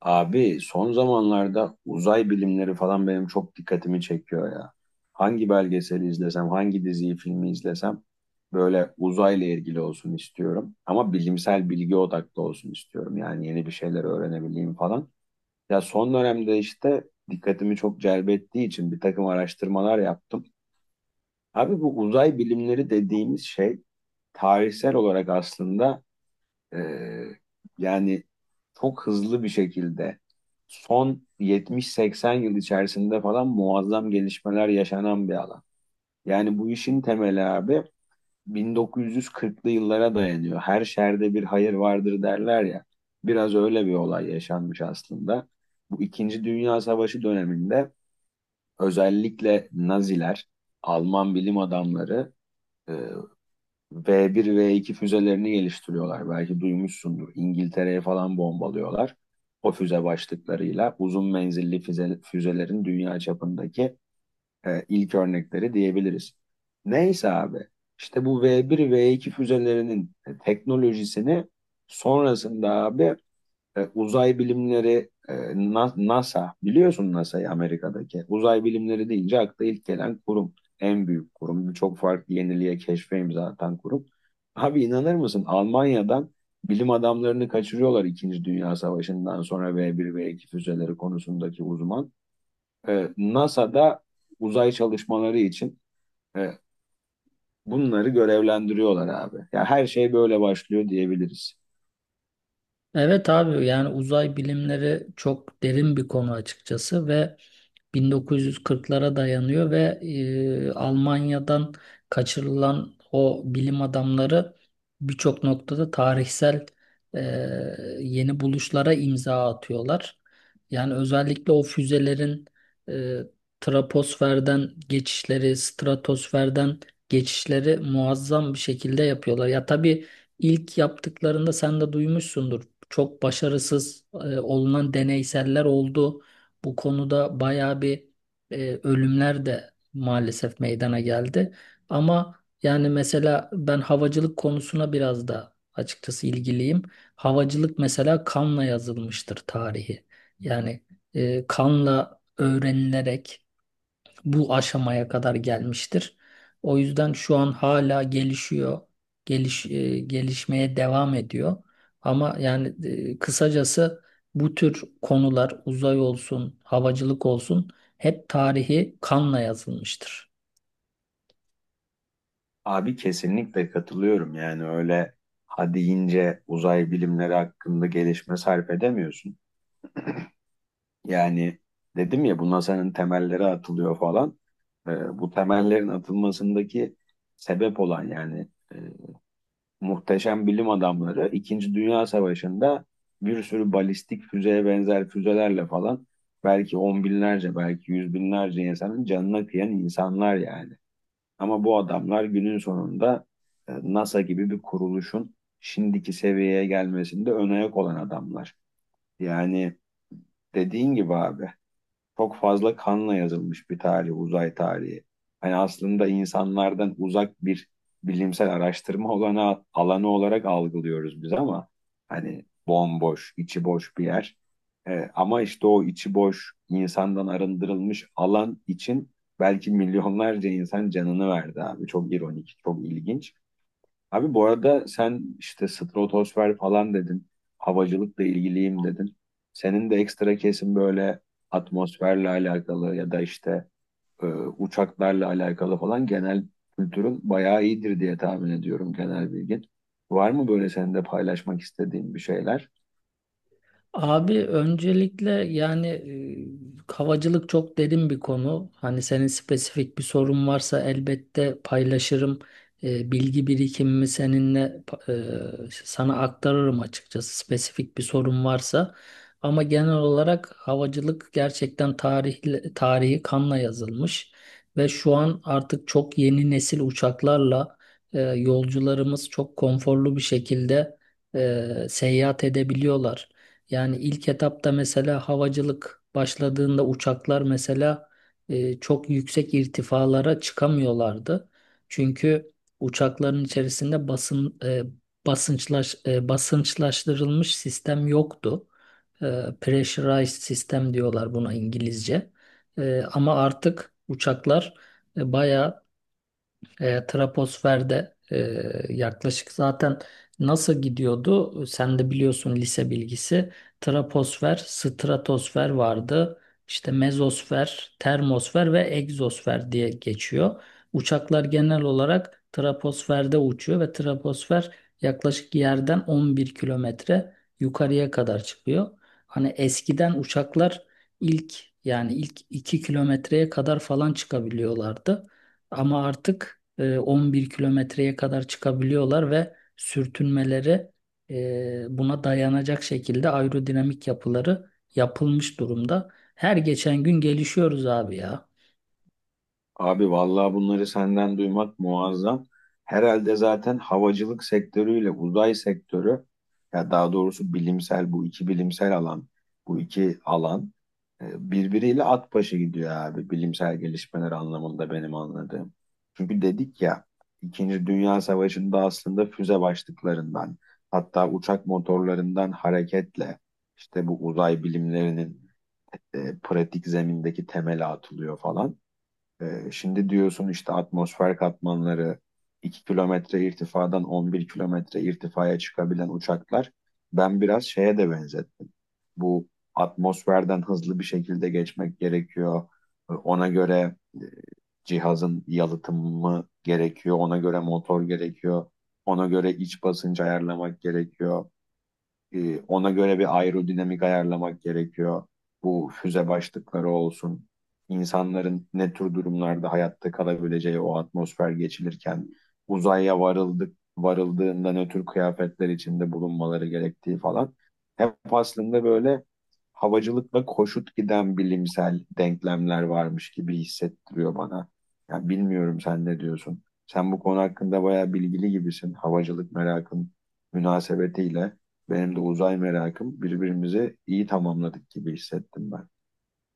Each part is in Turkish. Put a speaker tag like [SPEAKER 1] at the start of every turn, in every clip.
[SPEAKER 1] Abi son zamanlarda uzay bilimleri falan benim çok dikkatimi çekiyor ya. Hangi belgeseli izlesem, hangi diziyi, filmi izlesem böyle uzayla ilgili olsun istiyorum. Ama bilimsel bilgi odaklı olsun istiyorum. Yani yeni bir şeyler öğrenebileyim falan. Ya son dönemde işte dikkatimi çok celbettiği için bir takım araştırmalar yaptım. Abi bu uzay bilimleri dediğimiz şey tarihsel olarak aslında ee, yani çok hızlı bir şekilde son 70-80 yıl içerisinde falan muazzam gelişmeler yaşanan bir alan. Yani bu işin temeli abi 1940'lı yıllara dayanıyor. Her şerde bir hayır vardır derler ya. Biraz öyle bir olay yaşanmış aslında. Bu İkinci Dünya Savaşı döneminde özellikle Naziler, Alman bilim adamları e, V1, V2 füzelerini geliştiriyorlar. Belki duymuşsundur. İngiltere'ye falan bombalıyorlar. O füze başlıklarıyla uzun menzilli füzelerin dünya çapındaki ilk örnekleri diyebiliriz. Neyse abi, işte bu V1, V2 füzelerinin teknolojisini sonrasında abi, uzay bilimleri, NASA biliyorsun, NASA'yı Amerika'daki uzay bilimleri deyince akla ilk gelen kurum, en büyük kurum, çok farklı yeniliğe keşfe imza atan kurum. Abi inanır mısın, Almanya'dan bilim adamlarını kaçırıyorlar İkinci Dünya Savaşı'ndan sonra V1 V2 füzeleri konusundaki uzman. NASA'da uzay çalışmaları için e, bunları görevlendiriyorlar abi. Ya her şey böyle başlıyor diyebiliriz.
[SPEAKER 2] Evet abi, yani uzay bilimleri çok derin bir konu açıkçası ve 1940'lara dayanıyor ve Almanya'dan kaçırılan o bilim adamları birçok noktada tarihsel, e, yeni buluşlara imza atıyorlar. Yani özellikle o füzelerin e, troposferden geçişleri, stratosferden geçişleri muazzam bir şekilde yapıyorlar. Ya tabii ilk yaptıklarında sen de duymuşsundur. Çok başarısız olunan deneyseller oldu. Bu konuda bayağı bir ölümler de maalesef meydana geldi. Ama yani mesela ben havacılık konusuna biraz da açıkçası ilgiliyim. Havacılık mesela kanla yazılmıştır tarihi. Yani kanla öğrenilerek bu aşamaya kadar gelmiştir. O yüzden şu an hala gelişiyor, gelişmeye devam ediyor. Ama yani kısacası bu tür konular uzay olsun, havacılık olsun hep tarihi kanla yazılmıştır.
[SPEAKER 1] Abi kesinlikle katılıyorum. Yani öyle ha deyince uzay bilimleri hakkında gelişme sarf edemiyorsun. Yani dedim ya, bu NASA'nın temelleri atılıyor falan. Bu temellerin atılmasındaki sebep olan, yani e, muhteşem bilim adamları İkinci Dünya Savaşı'nda bir sürü balistik füzeye benzer füzelerle falan belki 10 binlerce, belki 100 binlerce insanın canına kıyan insanlar yani. Ama bu adamlar günün sonunda NASA gibi bir kuruluşun şimdiki seviyeye gelmesinde ön ayak olan adamlar. Yani dediğin gibi abi, çok fazla kanla yazılmış bir tarih, uzay tarihi. Hani aslında insanlardan uzak bir bilimsel araştırma alanı olarak algılıyoruz biz, ama hani bomboş, içi boş bir yer. Ama işte o içi boş, insandan arındırılmış alan için belki milyonlarca insan canını verdi abi. Çok ironik, çok ilginç. Abi bu arada sen işte stratosfer falan dedin. Havacılıkla ilgiliyim dedin. Senin de ekstra kesin böyle atmosferle alakalı ya da işte e, uçaklarla alakalı falan genel kültürün bayağı iyidir diye tahmin ediyorum, genel bilgin. Var mı böyle senin de paylaşmak istediğin bir şeyler?
[SPEAKER 2] Abi öncelikle yani havacılık çok derin bir konu. Hani senin spesifik bir sorun varsa elbette paylaşırım. Bilgi birikimimi seninle sana aktarırım açıkçası spesifik bir sorun varsa. Ama genel olarak havacılık gerçekten tarihle, tarihi kanla yazılmış ve şu an artık çok yeni nesil uçaklarla yolcularımız çok konforlu bir şekilde seyahat edebiliyorlar. Yani ilk etapta mesela havacılık başladığında uçaklar mesela çok yüksek irtifalara çıkamıyorlardı. Çünkü uçakların içerisinde basınçlaştırılmış sistem yoktu. E, Pressurized sistem diyorlar buna İngilizce. Ama artık uçaklar, e, bayağı troposferde, yaklaşık, zaten nasıl gidiyordu? Sen de biliyorsun, lise bilgisi. Troposfer, stratosfer vardı. İşte mezosfer, termosfer ve egzosfer diye geçiyor. Uçaklar genel olarak troposferde uçuyor ve troposfer yaklaşık yerden 11 kilometre yukarıya kadar çıkıyor. Hani eskiden uçaklar ilk, yani ilk 2 kilometreye kadar falan çıkabiliyorlardı. Ama artık 11 kilometreye kadar çıkabiliyorlar ve sürtünmeleri buna dayanacak şekilde aerodinamik yapıları yapılmış durumda. Her geçen gün gelişiyoruz abi ya.
[SPEAKER 1] Abi vallahi bunları senden duymak muazzam. Herhalde zaten havacılık sektörüyle uzay sektörü, ya daha doğrusu bu iki bilimsel alan, bu iki alan birbiriyle at başı gidiyor abi, bilimsel gelişmeler anlamında benim anladığım. Çünkü dedik ya, İkinci Dünya Savaşı'nda aslında füze başlıklarından, hatta uçak motorlarından hareketle işte bu uzay bilimlerinin pratik zemindeki temeli atılıyor falan. Şimdi diyorsun işte atmosfer katmanları, 2 kilometre irtifadan 11 kilometre irtifaya çıkabilen uçaklar, ben biraz şeye de benzettim. Bu atmosferden hızlı bir şekilde geçmek gerekiyor. Ona göre cihazın yalıtımı gerekiyor. Ona göre motor gerekiyor. Ona göre iç basıncı ayarlamak gerekiyor. Ona göre bir aerodinamik ayarlamak gerekiyor. Bu füze başlıkları olsun. İnsanların ne tür durumlarda hayatta kalabileceği, o atmosfer geçilirken uzaya varıldığında ne tür kıyafetler içinde bulunmaları gerektiği falan. Hep aslında böyle havacılıkla koşut giden bilimsel denklemler varmış gibi hissettiriyor bana. Yani bilmiyorum, sen ne diyorsun? Sen bu konu hakkında bayağı bilgili gibisin. Havacılık merakın münasebetiyle benim de uzay merakım, birbirimizi iyi tamamladık gibi hissettim ben.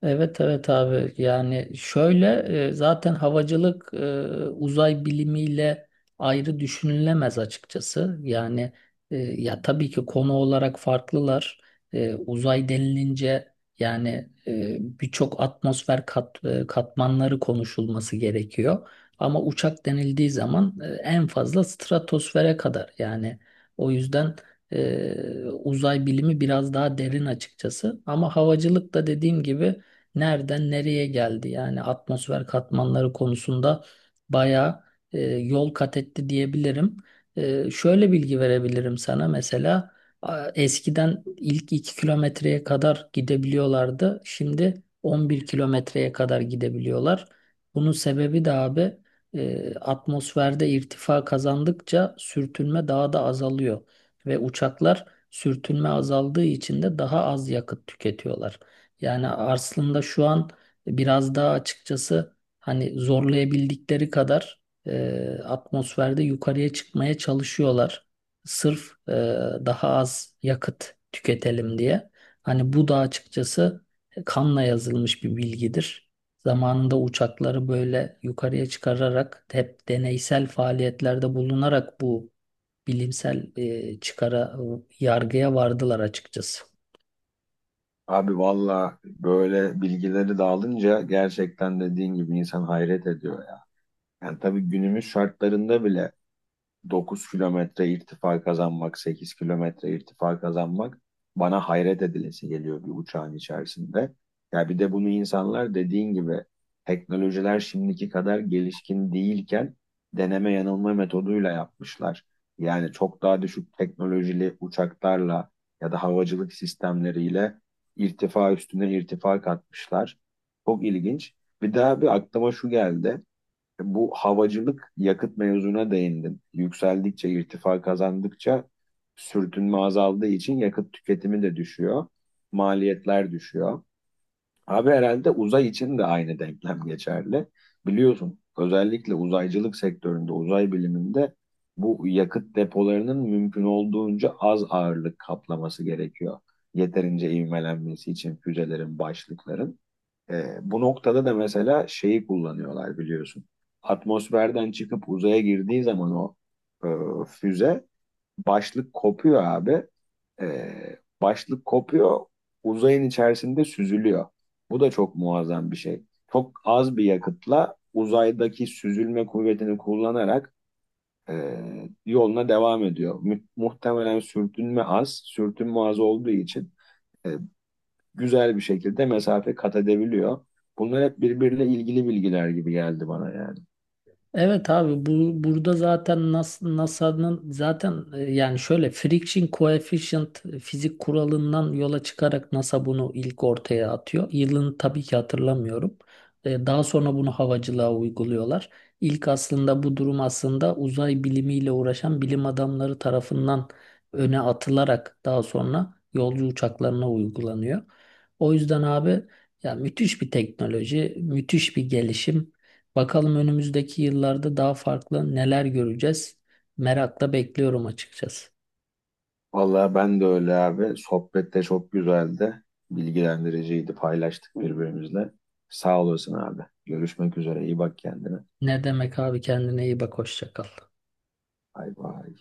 [SPEAKER 2] Evet, evet abi, yani şöyle, zaten havacılık uzay bilimiyle ayrı düşünülemez açıkçası. Yani ya tabii ki konu olarak farklılar. Uzay denilince yani, birçok atmosfer katmanları konuşulması gerekiyor. Ama uçak denildiği zaman en fazla stratosfere kadar, yani o yüzden uzay bilimi biraz daha derin açıkçası. Ama havacılık da, dediğim gibi, nereden nereye geldi? Yani atmosfer katmanları konusunda bayağı yol kat etti diyebilirim. Şöyle bilgi verebilirim sana mesela, eskiden ilk 2 kilometreye kadar gidebiliyorlardı. Şimdi 11 kilometreye kadar gidebiliyorlar. Bunun sebebi de abi, atmosferde irtifa kazandıkça sürtünme daha da azalıyor ve uçaklar sürtünme azaldığı için de daha az yakıt tüketiyorlar. Yani aslında şu an biraz daha açıkçası hani zorlayabildikleri kadar atmosferde yukarıya çıkmaya çalışıyorlar. Sırf daha az yakıt tüketelim diye. Hani bu da açıkçası kanla yazılmış bir bilgidir. Zamanında uçakları böyle yukarıya çıkararak, hep deneysel faaliyetlerde bulunarak bu bilimsel, e, çıkara yargıya vardılar açıkçası.
[SPEAKER 1] Abi valla böyle bilgileri dağılınca gerçekten dediğin gibi insan hayret ediyor ya. Yani tabii günümüz şartlarında bile 9 kilometre irtifa kazanmak, 8 kilometre irtifa kazanmak bana hayret edilesi geliyor bir uçağın içerisinde. Ya bir de bunu insanlar dediğin gibi teknolojiler şimdiki kadar gelişkin değilken deneme yanılma metoduyla yapmışlar. Yani çok daha düşük teknolojili uçaklarla ya da havacılık sistemleriyle irtifa üstüne irtifa katmışlar. Çok ilginç. Bir daha bir aklıma şu geldi, bu havacılık yakıt mevzuna değindin. Yükseldikçe, irtifa kazandıkça sürtünme azaldığı için yakıt tüketimi de düşüyor. Maliyetler düşüyor. Abi herhalde uzay için de aynı denklem geçerli. Biliyorsun özellikle uzaycılık sektöründe, uzay biliminde bu yakıt depolarının mümkün olduğunca az ağırlık kaplaması gerekiyor. Yeterince ivmelenmesi için füzelerin, başlıkların. Bu noktada da mesela şeyi kullanıyorlar biliyorsun. Atmosferden çıkıp uzaya girdiği zaman o, e, füze başlık kopuyor abi. E, Başlık kopuyor, uzayın içerisinde süzülüyor. Bu da çok muazzam bir şey. Çok az bir yakıtla uzaydaki süzülme kuvvetini kullanarak e, yoluna devam ediyor. Muhtemelen sürtünme az olduğu için e, güzel bir şekilde mesafe kat edebiliyor. Bunlar hep birbiriyle ilgili bilgiler gibi geldi bana yani.
[SPEAKER 2] Evet abi, bu burada zaten NASA'nın zaten, yani şöyle friction coefficient fizik kuralından yola çıkarak NASA bunu ilk ortaya atıyor. Yılını tabii ki hatırlamıyorum. Daha sonra bunu havacılığa uyguluyorlar. İlk aslında bu durum, aslında uzay bilimiyle uğraşan bilim adamları tarafından öne atılarak daha sonra yolcu uçaklarına uygulanıyor. O yüzden abi, ya, müthiş bir teknoloji, müthiş bir gelişim. Bakalım önümüzdeki yıllarda daha farklı neler göreceğiz. Merakla bekliyorum açıkçası.
[SPEAKER 1] Vallahi ben de öyle abi. Sohbet de çok güzeldi. Bilgilendiriciydi. Paylaştık birbirimizle. Sağ olasın abi. Görüşmek üzere. İyi bak kendine.
[SPEAKER 2] Ne demek abi, kendine iyi bak, hoşça kal.
[SPEAKER 1] Bay bay.